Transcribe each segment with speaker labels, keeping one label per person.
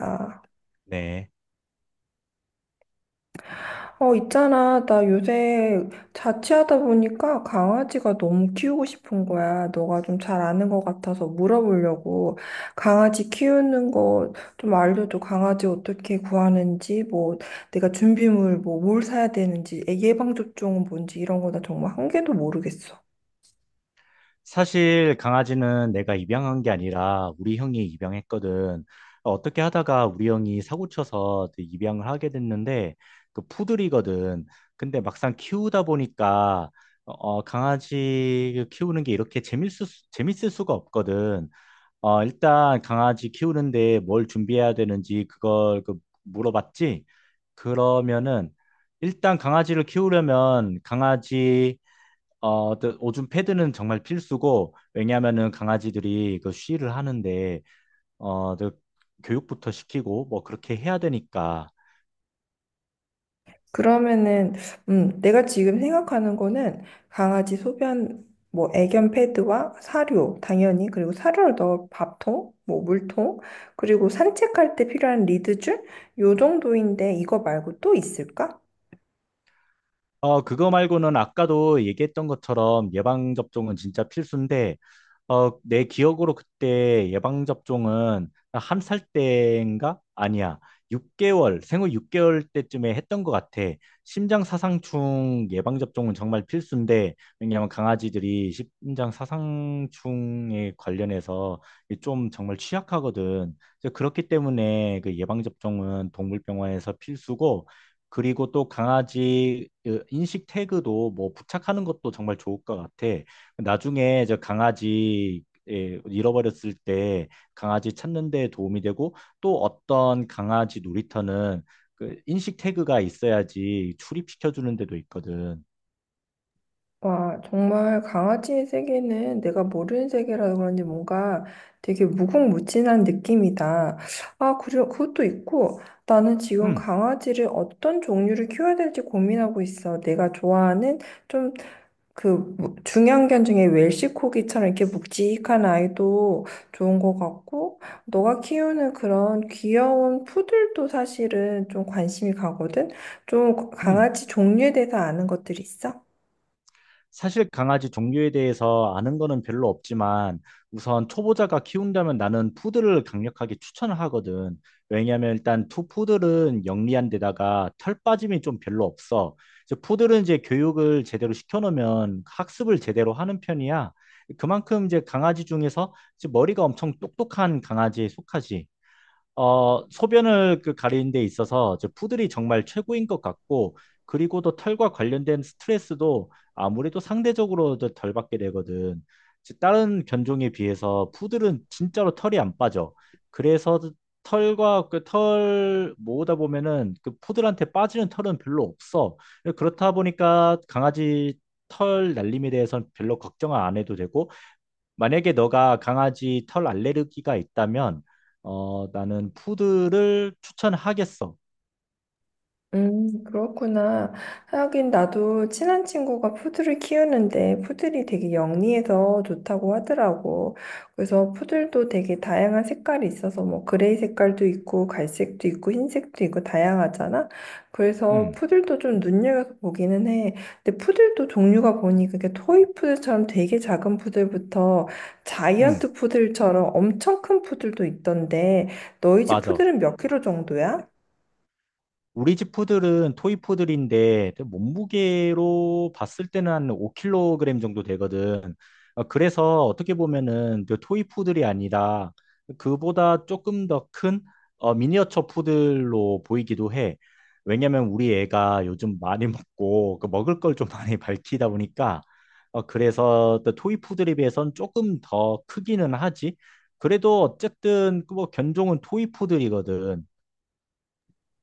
Speaker 1: 아,
Speaker 2: 네.
Speaker 1: 있잖아. 나 요새 자취하다 보니까 강아지가 너무 키우고 싶은 거야. 너가 좀 잘 아는 것 같아서 물어보려고. 강아지 키우는 거 좀 알려줘. 강아지 어떻게 구하는지, 뭐, 내가 준비물, 뭘 사야 되는지, 애기 예방접종은 뭔지 이런 거나 정말 한 개도 모르겠어.
Speaker 2: 사실 강아지는 내가 입양한 게 아니라 우리 형이 입양했거든. 어떻게 하다가 우리 형이 사고 쳐서 그 입양을 하게 됐는데 그 푸들이거든. 근데 막상 키우다 보니까 강아지 키우는 게 재밌을 수가 없거든. 일단 강아지 키우는데 뭘 준비해야 되는지 그걸 물어봤지? 그러면은 일단 강아지를 키우려면 또 오줌 패드는 정말 필수고, 왜냐면은 하 강아지들이 그 쉬를 하는데, 어, 또 교육부터 시키고, 뭐 그렇게 해야 되니까.
Speaker 1: 그러면은 내가 지금 생각하는 거는 강아지 소변 뭐 애견 패드와 사료 당연히 그리고 사료를 넣을 밥통 뭐 물통 그리고 산책할 때 필요한 리드줄 요 정도인데 이거 말고 또 있을까?
Speaker 2: 그거 말고는 아까도 얘기했던 것처럼 예방접종은 진짜 필수인데, 내 기억으로 그때 예방접종은 한 살 때인가? 아니야. 6개월, 생후 6개월 때쯤에 했던 것 같아. 심장사상충 예방접종은 정말 필수인데, 왜냐하면 강아지들이 심장사상충에 관련해서 좀 정말 취약하거든. 그래서 그렇기 때문에 그 예방접종은 동물병원에서 필수고, 그리고 또 강아지 그 인식 태그도 뭐 부착하는 것도 정말 좋을 것 같아. 나중에 저 강아지 예, 잃어버렸을 때 강아지 찾는 데 도움이 되고 또 어떤 강아지 놀이터는 그 인식 태그가 있어야지 출입시켜 주는 데도 있거든.
Speaker 1: 와 정말 강아지의 세계는 내가 모르는 세계라서 그런지 뭔가 되게 무궁무진한 느낌이다. 아, 그리고 그것도 있고 나는 지금
Speaker 2: 음,
Speaker 1: 강아지를 어떤 종류를 키워야 될지 고민하고 있어. 내가 좋아하는 좀 그 중형견 중에 웰시코기처럼 이렇게 묵직한 아이도 좋은 것 같고, 너가 키우는 그런 귀여운 푸들도 사실은 좀 관심이 가거든? 좀
Speaker 2: 음.
Speaker 1: 강아지 종류에 대해서 아는 것들 있어?
Speaker 2: 사실 강아지 종류에 대해서 아는 거는 별로 없지만 우선 초보자가 키운다면 나는 푸들을 강력하게 추천을 하거든. 왜냐하면 일단 투 푸들은 영리한 데다가 털 빠짐이 좀 별로 없어. 이제 푸들은 교육을 제대로 시켜놓으면 학습을 제대로 하는 편이야. 그만큼 이제 강아지 중에서 이제 머리가 엄청 똑똑한 강아지에 속하지. 소변을 그 가리는 데 있어서 저 푸들이 정말 최고인 것 같고, 그리고 또 털과 관련된 스트레스도 아무래도 상대적으로 더덜 받게 되거든. 즉, 다른 견종에 비해서 푸들은 진짜로 털이 안 빠져. 그래서 털과 그 털 모으다 보면은 그 푸들한테 빠지는 털은 별로 없어. 그렇다 보니까 강아지 털 날림에 대해서는 별로 걱정을 안 해도 되고, 만약에 너가 강아지 털 알레르기가 있다면, 나는 푸드를 추천하겠어.
Speaker 1: 그렇구나. 하긴 나도 친한 친구가 푸들을 키우는데 푸들이 되게 영리해서 좋다고 하더라고. 그래서 푸들도 되게 다양한 색깔이 있어서 뭐 그레이 색깔도 있고 갈색도 있고 흰색도 있고 다양하잖아. 그래서
Speaker 2: 응,
Speaker 1: 푸들도 좀 눈여겨서 보기는 해. 근데 푸들도 종류가 보니 그게 토이 푸들처럼 되게 작은 푸들부터
Speaker 2: 응,
Speaker 1: 자이언트 푸들처럼 엄청 큰 푸들도 있던데 너희 집
Speaker 2: 맞아.
Speaker 1: 푸들은 몇 킬로 정도야?
Speaker 2: 우리 집 푸들은 토이 푸들인데 몸무게로 봤을 때는 한 5kg 정도 되거든. 그래서 어떻게 보면은 그 토이 푸들이 아니라 그보다 조금 더 큰 미니어처 푸들로 보이기도 해. 왜냐면 우리 애가 요즘 많이 먹고 그 먹을 걸 좀 많이 밝히다 보니까 그래서 또 토이 푸들에 비해선 조금 더 크기는 하지. 그래도 어쨌든 그뭐 견종은 토이 푸들이거든.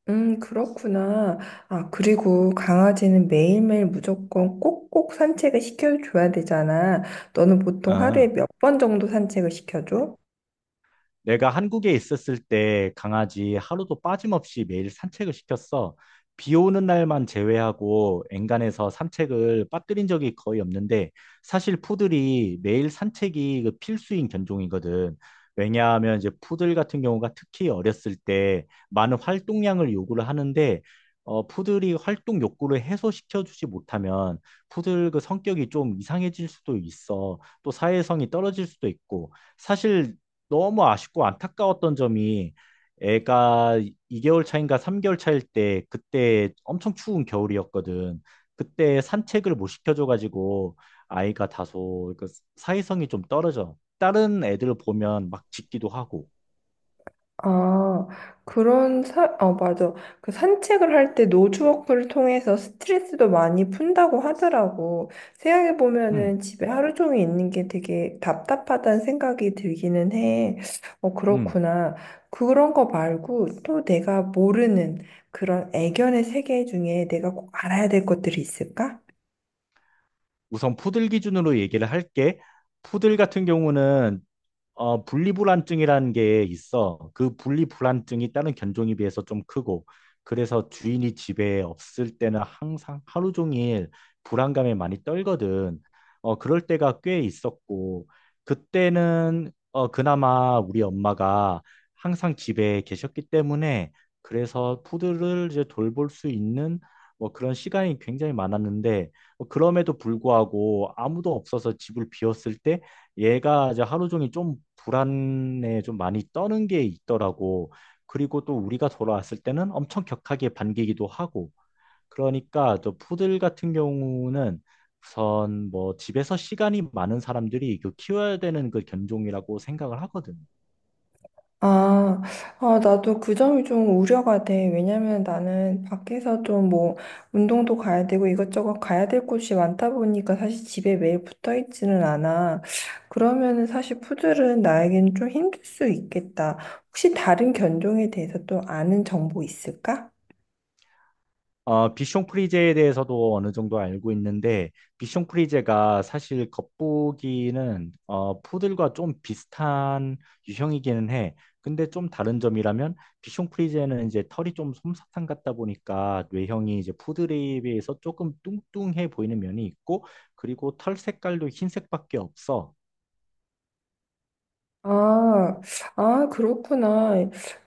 Speaker 1: 그렇구나. 아, 그리고 강아지는 매일매일 무조건 꼭꼭 산책을 시켜줘야 되잖아. 너는 보통 하루에
Speaker 2: 어.
Speaker 1: 몇 번 정도 산책을 시켜줘?
Speaker 2: 내가 한국에 있었을 때 강아지 하루도 빠짐없이 매일 산책을 시켰어. 비 오는 날만 제외하고 엔간해서 산책을 빠뜨린 적이 거의 없는데 사실 푸들이 매일 산책이 그 필수인 견종이거든. 왜냐하면 이제 푸들 같은 경우가 특히 어렸을 때 많은 활동량을 요구를 하는데 푸들이 활동 욕구를 해소시켜주지 못하면 푸들 그 성격이 좀 이상해질 수도 있어. 또 사회성이 떨어질 수도 있고 사실 너무 아쉽고 안타까웠던 점이 애가 2개월 차인가 3개월 차일 때 그때 엄청 추운 겨울이었거든. 그때 산책을 못 시켜줘가지고 아이가 다소 그 사회성이 좀 떨어져. 다른 애들 보면 막 짖기도 하고.
Speaker 1: 아, 맞아. 그 산책을 할 때 노즈워크를 통해서 스트레스도 많이 푼다고 하더라고. 생각해보면은
Speaker 2: 음,
Speaker 1: 집에 하루 종일 있는 게 되게 답답하다는 생각이 들기는 해. 어,
Speaker 2: 음.
Speaker 1: 그렇구나. 그런 거 말고 또 내가 모르는 그런 애견의 세계 중에 내가 꼭 알아야 될 것들이 있을까?
Speaker 2: 우선 푸들 기준으로 얘기를 할게. 푸들 같은 경우는 분리불안증이라는 게 있어. 그 분리불안증이 다른 견종에 비해서 좀 크고, 그래서 주인이 집에 없을 때는 항상 하루 종일 불안감에 많이 떨거든. 그럴 때가 꽤 있었고, 그때는 그나마 우리 엄마가 항상 집에 계셨기 때문에, 그래서 푸드를 이제 돌볼 수 있는 뭐 그런 시간이 굉장히 많았는데, 그럼에도 불구하고 아무도 없어서 집을 비웠을 때, 얘가 이제 하루 종일 좀 불안에 좀 많이 떠는 게 있더라고. 그리고 또 우리가 돌아왔을 때는 엄청 격하게 반기기도 하고. 그러니까 저 푸들 같은 경우는 우선 뭐 집에서 시간이 많은 사람들이 그 키워야 되는 그 견종이라고 생각을 하거든.
Speaker 1: 아, 나도 그 점이 좀 우려가 돼. 왜냐면 나는 밖에서 좀 뭐 운동도 가야 되고 이것저것 가야 될 곳이 많다 보니까 사실 집에 매일 붙어 있지는 않아. 그러면은 사실 푸들은 나에겐 좀 힘들 수 있겠다. 혹시 다른 견종에 대해서 또 아는 정보 있을까?
Speaker 2: 비숑 프리제에 대해서도 어느 정도 알고 있는데, 비숑 프리제가 사실 겉보기는 푸들과 좀 비슷한 유형이기는 해. 근데 좀 다른 점이라면, 비숑 프리제는 이제 털이 좀 솜사탕 같다 보니까 뇌형이 이제 푸들에 비해서 조금 뚱뚱해 보이는 면이 있고, 그리고 털 색깔도 흰색밖에 없어.
Speaker 1: 아, 그렇구나.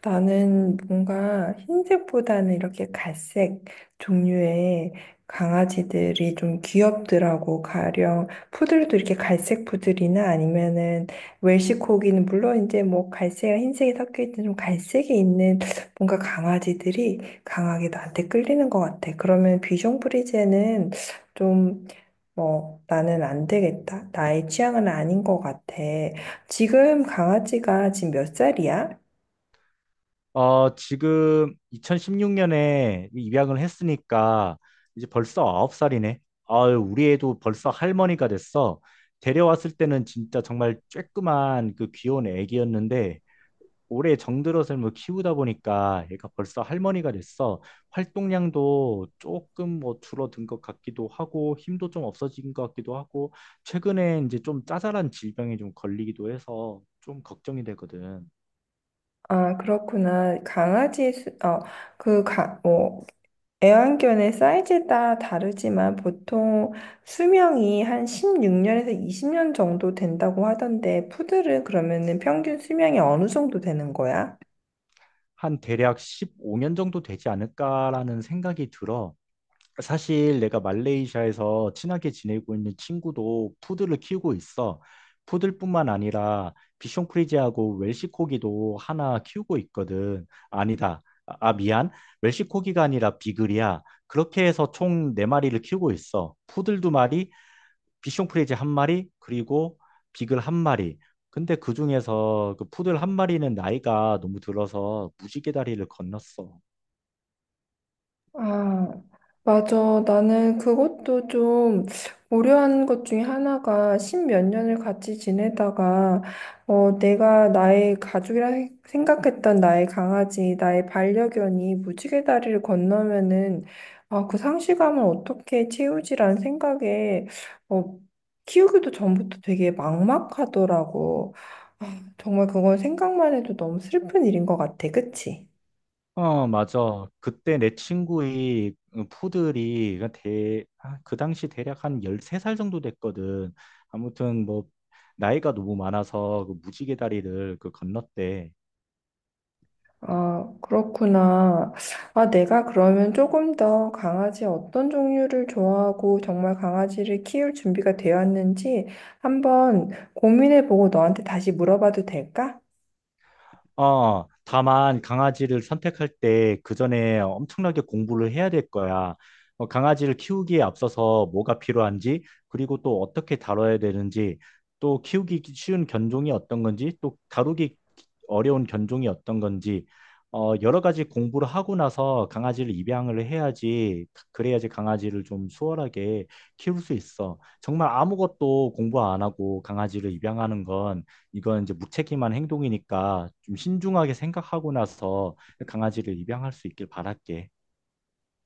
Speaker 1: 나는 뭔가 흰색보다는 이렇게 갈색 종류의 강아지들이 좀 귀엽더라고. 가령 푸들도 이렇게 갈색 푸들이나 아니면은 웰시코기는 물론 이제 뭐 갈색이랑 흰색이 섞여 있는 좀 갈색이 있는 뭔가 강아지들이 강하게 나한테 끌리는 것 같아. 그러면 비숑 프리제는 좀 뭐, 나는 안 되겠다. 나의 취향은 아닌 것 같아. 지금 강아지가 지금 몇 살이야?
Speaker 2: 지금 2016년에 입양을 했으니까 이제 벌써 9살이네. 아유, 우리 애도 벌써 할머니가 됐어. 데려왔을 때는 진짜 정말 쬐끄만 그 귀여운 애기였는데 올해 정들어서 뭐 키우다 보니까 얘가 벌써 할머니가 됐어. 활동량도 조금 뭐 줄어든 것 같기도 하고 힘도 좀 없어진 것 같기도 하고 최근에 이제 좀 짜잘한 질병에 좀 걸리기도 해서 좀 걱정이 되거든.
Speaker 1: 아, 그렇구나. 강아지, 수, 어, 그, 가, 뭐, 애완견의 사이즈에 따라 다르지만 보통 수명이 한 16년에서 20년 정도 된다고 하던데, 푸들은 그러면은 평균 수명이 어느 정도 되는 거야?
Speaker 2: 한 대략 15년 정도 되지 않을까라는 생각이 들어. 사실 내가 말레이시아에서 친하게 지내고 있는 친구도 푸드를 키우고 있어. 푸들뿐만 아니라 비숑크리지하고 웰시코기도 하나 키우고 있거든. 아니다. 미안. 웰시코기가 아니라 비글이야. 그렇게 해서 총 네마리를 키우고 있어. 푸들 두마리 비숑 프리즈 한 마리, 그리고 비글 한 마리. 근데 그 중에서 그 푸들 한 마리는 나이가 너무 들어서 무지개 다리를 건넜어.
Speaker 1: 아, 맞아. 나는 그것도 좀 고려한 것 중에 하나가 십몇 년을 같이 지내다가 내가 나의 가족이라 생각했던 나의 강아지, 나의 반려견이 무지개 다리를 건너면은 아, 그 상실감을 어떻게 채우지라는 생각에 어, 키우기도 전부터 되게 막막하더라고. 아, 정말 그건 생각만 해도 너무 슬픈 일인 것 같아. 그치?
Speaker 2: 맞아. 그때 내 친구의 그 푸들이 그 당시 대략 한 13살 정도 됐거든. 아무튼 뭐 나이가 너무 많아서 그 무지개 다리를 그 건넜대.
Speaker 1: 아, 그렇구나. 아, 내가 그러면 조금 더 강아지 어떤 종류를 좋아하고 정말 강아지를 키울 준비가 되었는지 한번 고민해보고 너한테 다시 물어봐도 될까?
Speaker 2: 다만 강아지를 선택할 때 그 전에 엄청나게 공부를 해야 될 거야. 강아지를 키우기에 앞서서 뭐가 필요한지, 그리고 또 어떻게 다뤄야 되는지, 또 키우기 쉬운 견종이 어떤 건지, 또 다루기 어려운 견종이 어떤 건지, 여러 가지 공부를 하고 나서 강아지를 입양을 해야지, 그래야지 강아지를 좀 수월하게 키울 수 있어. 정말 아무것도 공부 안 하고 강아지를 입양하는 건 이건 이제 무책임한 행동이니까 좀 신중하게 생각하고 나서 강아지를 입양할 수 있길 바랄게.